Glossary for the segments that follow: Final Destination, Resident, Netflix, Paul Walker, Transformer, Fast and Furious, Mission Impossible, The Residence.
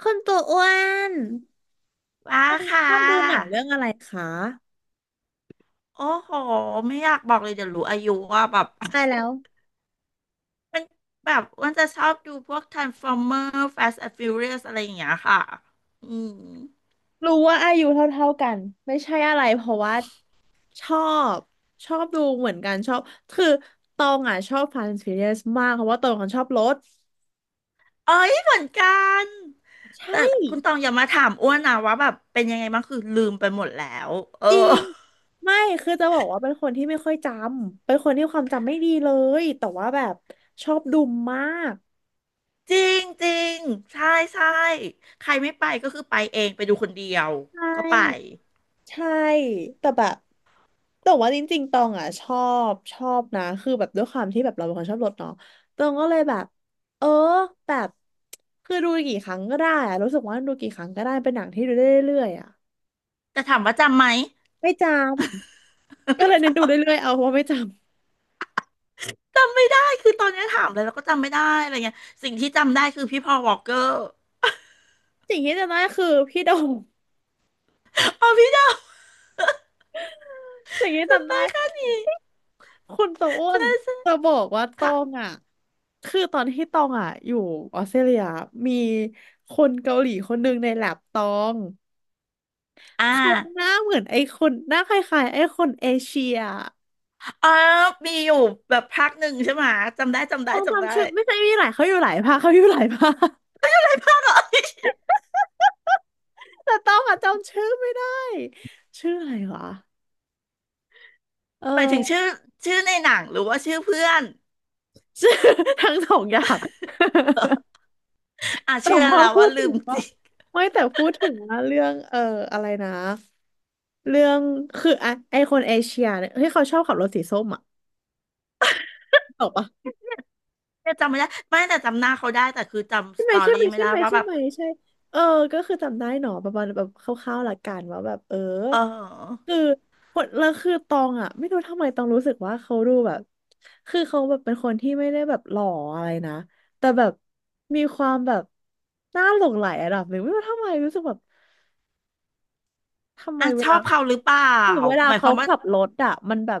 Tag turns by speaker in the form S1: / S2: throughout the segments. S1: คุณตัวอ้วน
S2: ว้าค่
S1: ชอบดูหนัง
S2: ะ
S1: เรื่องอะไรคะ
S2: โอ้โห ไม่อยากบอกเลยเดี๋ยวรู้อายุว่าแบบ
S1: ตาย แล้ว
S2: มันแบบอ้วันจะชอบดูพวก Transformer Fast and Furious อะไรอย่างเงี้ยค่ะ อืม
S1: รู้ว่าอายุเท่าๆกันไม่ใช่อะไรเพราะว่าชอบชอบดูเหมือนกันชอบคือตองอ่ะชอบ Fast and Furious มากเพราะว่าตองคนชอบรถ
S2: เอ้ยเหมือนกัน
S1: ใช่
S2: แต่คุณตองอย่ามาถามอ้วนนะว่าแบบเป็นยังไงบ้างคือลืมไปหมดแล้ว เออ
S1: จริงไม่คือจะบอกว่าเป็นคนที่ไม่ค่อยจำเป็นคนที่ความจำไม่ดีเลยแต่ว่าแบบชอบดูมาก
S2: จริงจริงใช่ใช่ใครไม่ไปก็คือไปเองไปดูคนเดียว
S1: ใช
S2: ก็ไป
S1: ่ ใช่แต่แบบแต่ว่าจริงๆตองอ่ะชอบนะคือแบบด้วยความที่แบบเราเป็นคนชอบรถเนาะตองก็เลยแบบเออแบบคือดูกี่ครั้งก็ได้อะรู้สึกว่าดูกี่ครั้งก็ได้เป็นหนังที่ดูได้เรื่อยๆอ่ะ
S2: แต่ถามว่าจำไหม
S1: ไม่จ ำก็
S2: ไม่
S1: เลยเน้น
S2: จำ
S1: ดูเรื่อยๆเอาเพราะไม่จ
S2: จำไม่ได้คือตอนนี้ถามเลยแล้วก็จำไม่ได้อะไรเงี้ยสิ่งที่จำได้คือพี่พอลวอลกเกอร์
S1: ำสิ่งที่จำได้คือพี่โดง
S2: อ๋อพี่ดาว
S1: สิ่งที่จำ
S2: จำได้
S1: ได้
S2: แค่นี้
S1: คุณโตอ้น
S2: ใช่ใช่
S1: จะบอกว่าตอ
S2: ค่ะ
S1: งอ่ะคือตอนที่ตองอ่ะอยู่ออสเตรเลียมีคนเกาหลีคนหนึ่งในแลบตอง
S2: อ่า
S1: เขาหน้าเหมือนไอ้คนหน้าคล้ายๆไอ้คนเอเชีย
S2: อ๋อมีอยู่แบบภาคหนึ่งใช่ไหมจำได้จำได้
S1: ต้อง
S2: จำได้
S1: จำชื่อไม่ใช่มีหลายเขาอยู่หลายภาคเขาอยู่หลายภาค
S2: ภาคเหรอ
S1: แต่ต้องอะจำชื่อไม่ได้ชื่ออะไรวะเอ
S2: หมายถึงชื่
S1: อ
S2: อชื่อในหนังหรือว่าชื่อเพื่อน
S1: ชื่อ ทั้งสองอย่าง
S2: อ่ะ
S1: แต่
S2: เชื่อ
S1: พอ
S2: แล้ว
S1: พู
S2: ว่า
S1: ด
S2: ลื
S1: ถึ
S2: ม
S1: ง
S2: จ
S1: ว่า
S2: ริง
S1: ไม่แต่พูดถึงว่าเรื่องอะไรนะเรื่องคือไะไอคนเอเชียเนี่ยที่เขาชอบขับรถสีส้มอะตกปะ
S2: เนี่ยจำไม่ได้ไม่แต่จำหน้าเขาได้แต่คือ
S1: ใช่
S2: จำส
S1: ไหม
S2: ตอ
S1: ใช่
S2: รี่
S1: ไหม
S2: ไม่
S1: ใช่
S2: ได้
S1: ไหม
S2: ว่า
S1: ใช่
S2: แบบ
S1: ไหมใช่เออก็คือจำได้หนอประมาณแบบคร่าวๆหลักการว่าแบบ
S2: เออ
S1: คือคนแล้วคือตองอ่ะไม่รู้ทำไมตองรู้สึกว่าเขาดูแบบคือเขาแบบเป็นคนที่ไม่ได้แบบหล่ออะไรนะแต่แบบมีความแบบน่าหลงใหลระดับหนึ่งไม่รู้ทำไมรู้สึกแบบทำไม
S2: อ่ะ
S1: เว
S2: ชอ
S1: ลา
S2: บเขาหรือเปล่า
S1: หรือเวลา
S2: หมายค
S1: เขา
S2: วามว่า
S1: ขับรถอ่ะมันแบบ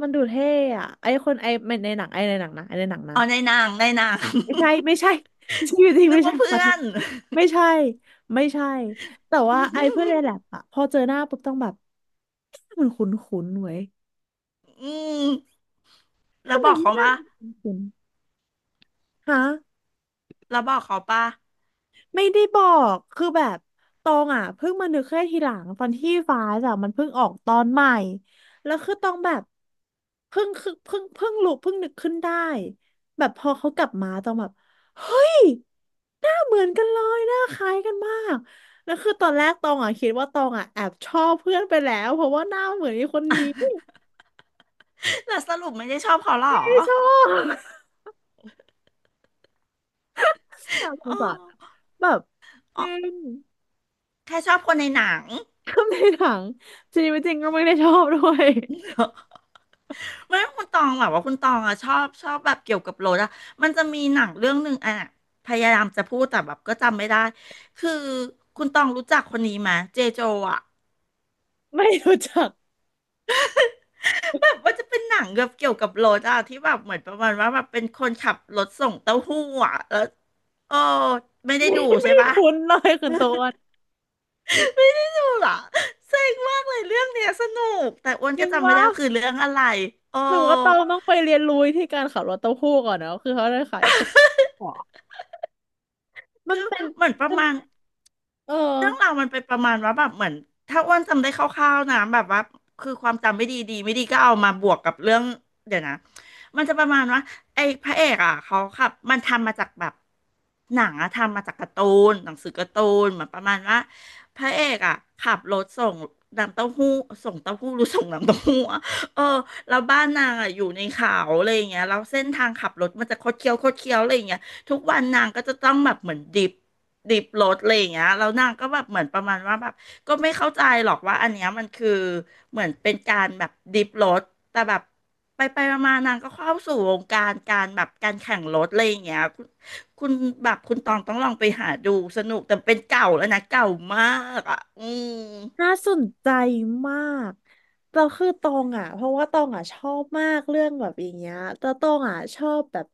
S1: มันดูเท่อะไอคนไอในหนังไอในหนังนะไอในหนังนะ
S2: อ๋อในหนางในหนาง
S1: ไม่ใช่ ชีวิตจริง
S2: นึ
S1: ไม่
S2: ก
S1: ใช่
S2: ว่า
S1: ขอ
S2: เพื่อ
S1: โทษ
S2: น
S1: ไม่ใช่ไม่ใช่แต่ว่าไอ้เพื่อนใน แลบอะพอเจอหน้าปุ๊บต้องแบบมันคุ้นๆเว้ย
S2: อืมแล้ว
S1: ทำ
S2: บ
S1: ไม
S2: อกเขา
S1: หน้า
S2: ปะ
S1: มันคุ้นๆฮะ
S2: แล้วบอกเขาปะ
S1: ไม่ได้บอกคือแบบตองอ่ะเพิ่งมานึกแค่ทีหลังตอนที่ฟ้าจ้ะมันเพิ่งออกตอนใหม่แล้วคือตองแบบเพิ่งรู้เพิ่งนึกขึ้นได้แบบพอเขากลับมาตองแบบเฮ้ยหน้าเหมือนกันเลยหน้าคล้ายกันมากแล้วคือตอนแรกตองอ่ะคิดว่าตองอ่ะแอบชอบเพื่อนไปแล้วเพราะว่าหน้าเหมือนไอ้คนนี้
S2: แล้วสรุปไม่ได้ชอบเขาหร
S1: ไม
S2: อ
S1: ่ชอบ น่าสง
S2: อ๋อ
S1: สารอะแบบจ
S2: อ๋อ
S1: ริง
S2: แค่ชอบคนในหนัง
S1: ก็ในหนังจริงจริงก็ไม่ได้ชอบด้วย
S2: ไม่คุณตองแบบว่าคุณตองอะชอบแบบเกี่ยวกับรถอะมันจะมีหนังเรื่องหนึ่งอะพยายามจะพูดแต่แบบก็จำไม่ได้คือคุณตองรู้จักคนนี้ไหมเจโจอะ
S1: ไม่รู้จัก
S2: แบบว่าจะเป็นหนังแบบเกี่ยวกับรถอะที่แบบเหมือนประมาณว่าแบบเป็นคนขับรถส่งเต้าหู้อะแล้วเออไม่ได้
S1: ไม่
S2: ดูใช่
S1: ไม่
S2: ปะ
S1: คุ้นเลยคุณโตน
S2: ไม่ได้ดูเหรอเซ็งมากเลยเรื่องเนี้ยสนุกแต่อ้วนก็
S1: นึก
S2: จำไม่
S1: ว่า
S2: ได้ว่าคือเรื่องอะไรโอ้
S1: หนูว่าตองต้องไปเรียนรู้ที่การขับรถเต้าหู้ก่อนนะคือเขาได้ขายสดหัวมัน
S2: คือ
S1: เป็น
S2: เหมือนประ
S1: มัน
S2: มาณ
S1: เออ
S2: เรื่องราวมันเป็นประมาณว่าแบบเหมือนถ้าอ้วนจำได้คร่าวๆนะแบบว่าคือความจำไม่ดีดีไม่ดีก็เอามาบวกกับเรื่องเดี๋ยวนะมันจะประมาณว่าไอ้พระเอกอ่ะเขาขับมันทำมาจากแบบหนังอะทำมาจากการ์ตูนหนังสือการ์ตูนเหมือนประมาณว่าพระเอกอ่ะขับรถส่งน้ำเต้าหู้ส่งเต้าหู้หรือส่งน้ำเต้าหู้อะเออแล้วบ้านนางอ่ะอยู่ในเขาอะไรอย่างเงี้ยแล้วเส้นทางขับรถมันจะคดเคี้ยวคดเคี้ยวอะไรอย่างเงี้ยทุกวันนางก็จะต้องแบบเหมือนดิฟ ดิบรถอะไรอย่างเงี้ยแล้วนางก็แบบเหมือนประมาณว่าแบบก็ไม่เข้าใจหรอกว่าอันเนี้ยมันคือเหมือนเป็นการแบบดิบรถแต่แบบไปไปมาๆนางก็เข้าสู่วงการการแบบการแข่งรถอะไรอย่างเงี้ยคุณแบบคุณตองต้องลองไปหาดูสนุกแต่เป็นเก่าแล้วนะเก่ามากอ่ะอืม
S1: น่าสนใจมากเราคือตองอ่ะเพราะว่าตองอ่ะชอบมากเรื่องแบบอย่างเงี้ยแต่ตองอ่ะชอบแบบ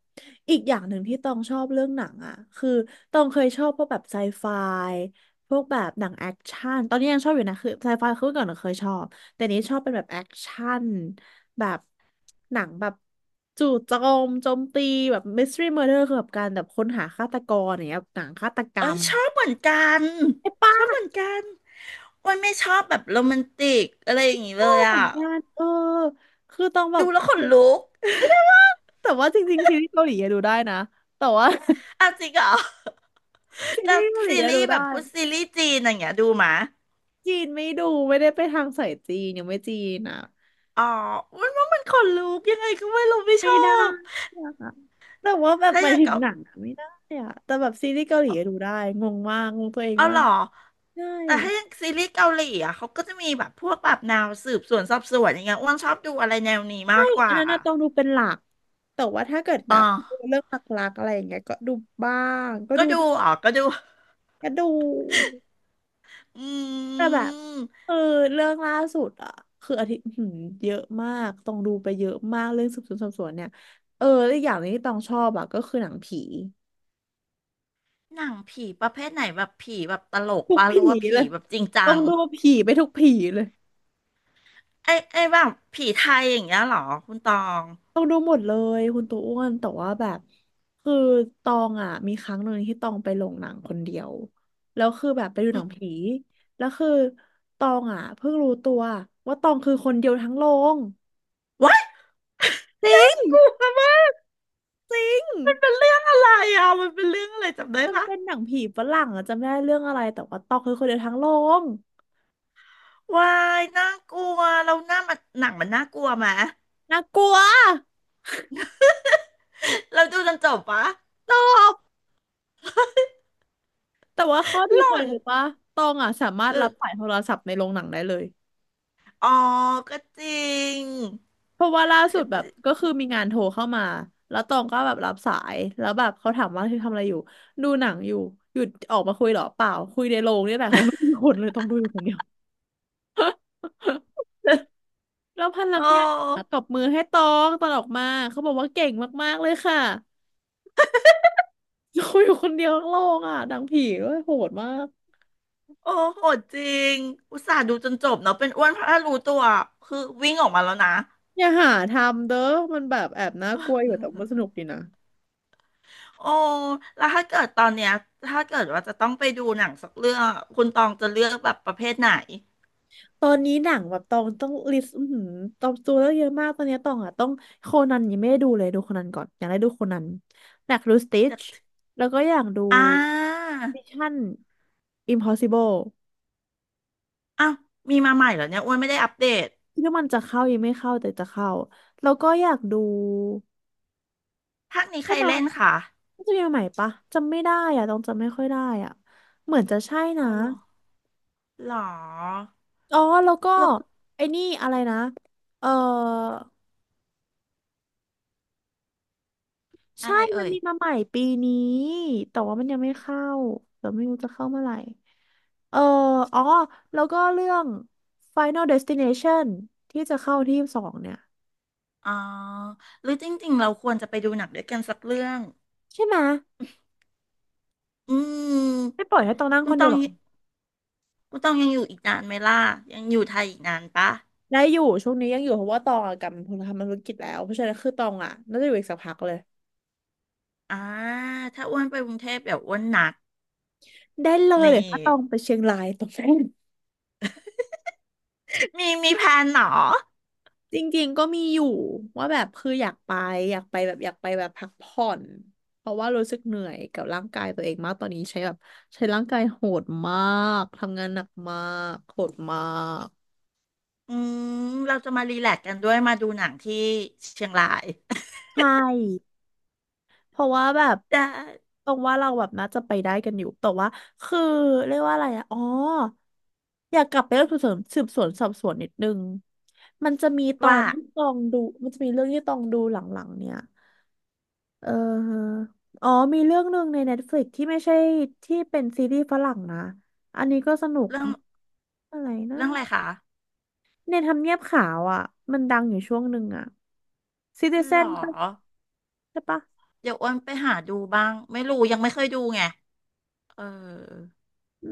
S1: อีกอย่างหนึ่งที่ตองชอบเรื่องหนังอ่ะคือตองเคยชอบพวกแบบไซไฟพวกแบบหนังแอคชั่นตอนนี้ยังชอบอยู่นะคือไซไฟคือเมื่อก่อนเราเคยชอบแต่นี้ชอบเป็นแบบแอคชั่นแบบหนังแบบจู่โจมโจมตีแบบมิสทรีเมอร์เดอร์คือแบบการแบบค้นหาฆาตกรอย่างเงี้ยหนังฆาตกร
S2: เอ้ย
S1: รม
S2: ชอบเหมือนกัน
S1: ไอ้ป
S2: ชอบเหมือนกันวันไม่ชอบแบบโรแมนติกอะไรอย่างงี้เลย
S1: เหมื
S2: อ่ะ
S1: อนกันคือต้องแบ
S2: ดู
S1: บ
S2: แล้วขนลุก
S1: แต่ว่าจริงๆซีรีส์เกาหลีอะดูได้นะแต่ว่า
S2: อ้าวจริงเหรอ
S1: ซี
S2: แต่
S1: รีส์เกาหลี
S2: ซี
S1: อะ
S2: รี
S1: ดู
S2: ส์แบ
S1: ได้
S2: บพูดซีรีส์จีนอย่างเงี้ยดูมะ
S1: จีนไม่ดูไม่ได้ไปทางสายจีนยังไม่จีนอ่ะ
S2: อ๋อมันว่ามันขนลุกยังไงก็ไม่รู้ไม่ช
S1: ไม่
S2: อ
S1: ได้
S2: บ
S1: อะแต่ว่าแบบ
S2: ถ้า
S1: ห
S2: อ
S1: มาย
S2: ย่าง
S1: ถึง
S2: เกา
S1: หนังอะไม่ได้อะแต่แบบซีรีส์เกาหลีอะดูได้งงมากงงตัวเอง
S2: เอา
S1: มา
S2: เหร
S1: ก
S2: อ
S1: ใช่
S2: แต่ถ้าอย่างซีรีส์เกาหลีอ่ะเขาก็จะมีแบบพวกแบบแนวสืบสวนสอบสวนอย่างเงี้ยอ้วนชอบดูอะไรแนวนี้มา
S1: ใช่
S2: กก
S1: อั
S2: ว่า
S1: นนั้นน่ะต้องดูเป็นหลักแต่ว่าถ้าเกิดแบ
S2: อ๋อ
S1: บเรื่องหลักๆอะไรอย่างเงี้ยก็ดูบ้างก็
S2: ก็
S1: ดู
S2: ดูอ๋อก็ดู
S1: ก็ดู
S2: อื
S1: แต่แบบ
S2: ม
S1: เออเรื่องล่าสุดอ่ะคืออาทิตย์เยอะมากต้องดูไปเยอะมากเรื่องสืบสวนสอบสวนเนี่ยแล้วอกอย่างหนี้ที่ต้องชอบอ่ะก็คือหนังผี
S2: หนังผีประเภทไหนแบบผีแบบตลก
S1: ทุก
S2: ปะห
S1: ผี
S2: รือว่าผี
S1: เลย
S2: แบบจริงจั
S1: ต้อง
S2: ง
S1: ดูผีไปทุกผีเลย
S2: ไอ้แบบผีไทยอย่างเงี้ยเหรอคุณตอง
S1: ต้องดูหมดเลยคุณตัวอ้วนแต่ว่าแบบคือตองอ่ะมีครั้งหนึ่งที่ตองไปโรงหนังคนเดียวแล้วคือแบบไปดูห
S2: อื
S1: นัง
S2: ม
S1: ผีแล้วคือตองอ่ะเพิ่งรู้ตัวว่าตองคือคนเดียวทั้งโรงจริง
S2: กลัวมากมันเป็นเรื่องอะไรอ่ะมันเป็นเรื่องอะไรจำได้
S1: มัน
S2: ปะ
S1: เป็นหนังผีฝรั่งอะจำไม่ได้เรื่องอะไรแต่ว่าตองคือคนเดียวทั้งโรง
S2: วายน่ากลัวเราหน้ามันหนังมันน่ากลัวไหม
S1: น่ากลัว
S2: เราดูจนจบปะ
S1: แต่ว่าข้อดี
S2: หล่อ
S1: เคย
S2: น
S1: รู้ปะตองอ่ะสามารถ
S2: คือ
S1: รับสายโทรศัพท์ในโรงหนังได้เลย
S2: อ๋อก็จริง
S1: เพราะว่าล่าสุ
S2: ก็
S1: ดแบ
S2: จ
S1: บ
S2: ริ
S1: ก็
S2: ง
S1: คือมีงานโทรเข้ามาแล้วตองก็แบบรับสายแล้วแบบเขาถามว่าคือทำอะไรอยู่ดูหนังอยู่หยุดออกมาคุยเหรอเปล่าคุยในโรงนี่แหละเพราะไม่มีคนเลยต้องดูอยู่คนเดียว แล้วพ
S2: โอ
S1: นักงานอะ
S2: ้
S1: ตบมือให้ตองตอนออกมาเขาบอกว่าเก่งมากๆเลยค่ะ คุยอยู่คนเดียวทั้งโรงอ่ะหนังผีด้วยโหดมาก
S2: โอ้โหดจริงอุตส่าห์ดูจนจบเนาะเป็นอ้วนเพราะถ้ารู้ตัวคือวิ่งออกมาแล้วนะ
S1: อย่าหาทำเด้อมันแบบแอบน่ากลัวอยู่แต่มันสนุกดีนะ
S2: โอ้แล้วถ้าเกิดตอนเนี้ยถ้าเกิดว่าจะต้องไปดูหนังสักเรื่องอะคุณตองจะเลือกแบบประเภทไหน
S1: ตอนนี้หนังแบบตองต้องลิสต์อือหือตองตัวเลือกเยอะมากตอนนี้ตองอ่ะต้องโคนันยังไม่ได้ดูเลยดูโคนันก่อนอยากได้ดูโคนันอยากดูสติ
S2: อ
S1: ช
S2: ยาก
S1: แล้วก็อยากดู
S2: อ่า
S1: Mission Impossible
S2: อ้าวมีมาใหม่เหรอเนี่ยอ้วนไม่ได้อัปเดต
S1: คิดว่ามันจะเข้ายังไม่เข้าแต่จะเข้าแล้วก็อยากดู
S2: ภาคนี้ใค
S1: ใช่
S2: ร
S1: ไหม
S2: เล่นคะ
S1: มันจะมีใหม่ปะจำไม่ได้อ่ะตองจำไม่ค่อยได้อ่ะเหมือนจะใช่นะ
S2: อ๋อเหรอหรอ
S1: อ๋อ แล้วก็
S2: แลูก
S1: ไอ้นี่อะไรนะ เออ
S2: อะ
S1: ใช่
S2: ไร
S1: มัน
S2: เอ่ย
S1: มีมาใหม่ปีนี้ แต่ว่ามันยังไม่เข้าเดี๋ยวไม่รู้จะเข้าเมื่อไหร่เอออ๋อ แล้วก็เรื่อง Final Destination ที่จะเข้าที่ยี่สบสองเนี่ย
S2: อ๋อหรือจริงๆเราควรจะไปดูหนังด้วยกันสักเรื่อง
S1: ใช่ไหม
S2: อื
S1: ไม่
S2: ม
S1: ปล่อยให้ตองนั่ง
S2: คุ
S1: ค
S2: ณ
S1: น
S2: ต
S1: เดีย
S2: อ
S1: ว
S2: ง
S1: หรอก
S2: คุณตองยังอยู่อีกนานไหมล่ะยังอยู่ไทยอีกนานปะ
S1: ได้อยู่ ช่วงนี้ยังอยู่เพราะว่าตองอะกลับมาทำธุรกิจแล้ว เพราะฉะนั้นคือตองอ่ะน่าจะอยู่อีกสักพักเลย
S2: อ่าถ้าอ้วนไปกรุงเทพเดี๋ยวอ้วนนัด
S1: ได้เลย
S2: นี่
S1: เดี๋ยวถ้าตองไปเชียงรายตองได้
S2: มีแพลนเหรอ
S1: จริงๆก็มีอยู่ว่าแบบคืออยากไปอยากไปแบบอยากไปแบบพักผ่อนเพราะว่ารู้สึกเหนื่อยกับร่างกายตัวเองมากตอนนี้ใช้แบบใช้ร่างกายโหดมากทำงานหนักมากโหดมาก
S2: อืมเราจะมารีแลกซ์กันด้วยมาดูหนังที่เชียงราย
S1: ใช่เพราะว่าแบบ
S2: ได้
S1: ตรงว่าเราแบบน่าจะไปได้กันอยู่แต่ว่าคือเรียกว่าอะไรอะอ๋ออยากกลับไปเรื่องสืบสวนสืบสวนสอบสวนนิดนึงมันจะมีตอ
S2: ว่า
S1: นที่ตองดูมันจะมีเรื่องที่ตองดูหลังๆเนี่ย เออฮะอ๋อมีเรื่องหนึ่งใน Netflix ที่ไม่ใช่ที่เป็นซีรีส์ฝรั่งนะอันนี้ก็สนุก
S2: เรื่อง
S1: อะไรนะ
S2: เรื่องอะไรคะ
S1: ในทำเนียบขาวอ่ะมันดังอยู่ช่วงหนึ่งอ่ะ
S2: หรอ
S1: Citizen ปะใช่ปะ
S2: เดี๋ยวอ้วนไปหาดูบ้างไม่รู้ยังไม่เคยดูไงเออ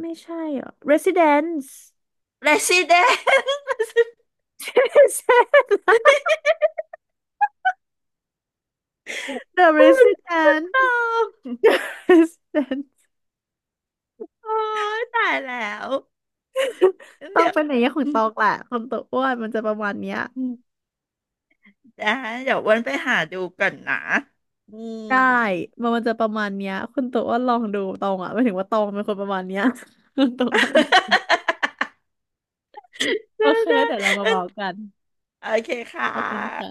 S1: ไม่ใช่เหรอ่ะ Residence
S2: Resident
S1: Residence
S2: คุณ
S1: The Residence
S2: ตอง
S1: Residence
S2: โอ้ยตายแล้ว
S1: ต้อง
S2: เดี๋ยว
S1: เป็นอย่างเงี้ยของตองแหละคนตัวอ้วนมันจะประมาณเนี้ย
S2: ได้เดี๋ยวอ้วนไปหาดูก่อนนะอืม
S1: ได้มันมันจะประมาณเนี้ยคุณตัวอ้วนลองดูตองอ่ะไม่ถึงว่าตองเป็นคนประมาณเนี้ย คุณตัวอ้วน โอ
S2: ได้
S1: เคแล้
S2: ได้
S1: วเดี๋ยวเรามาเมากัน
S2: โอเคค่ะ
S1: ขอบคุณค่ะ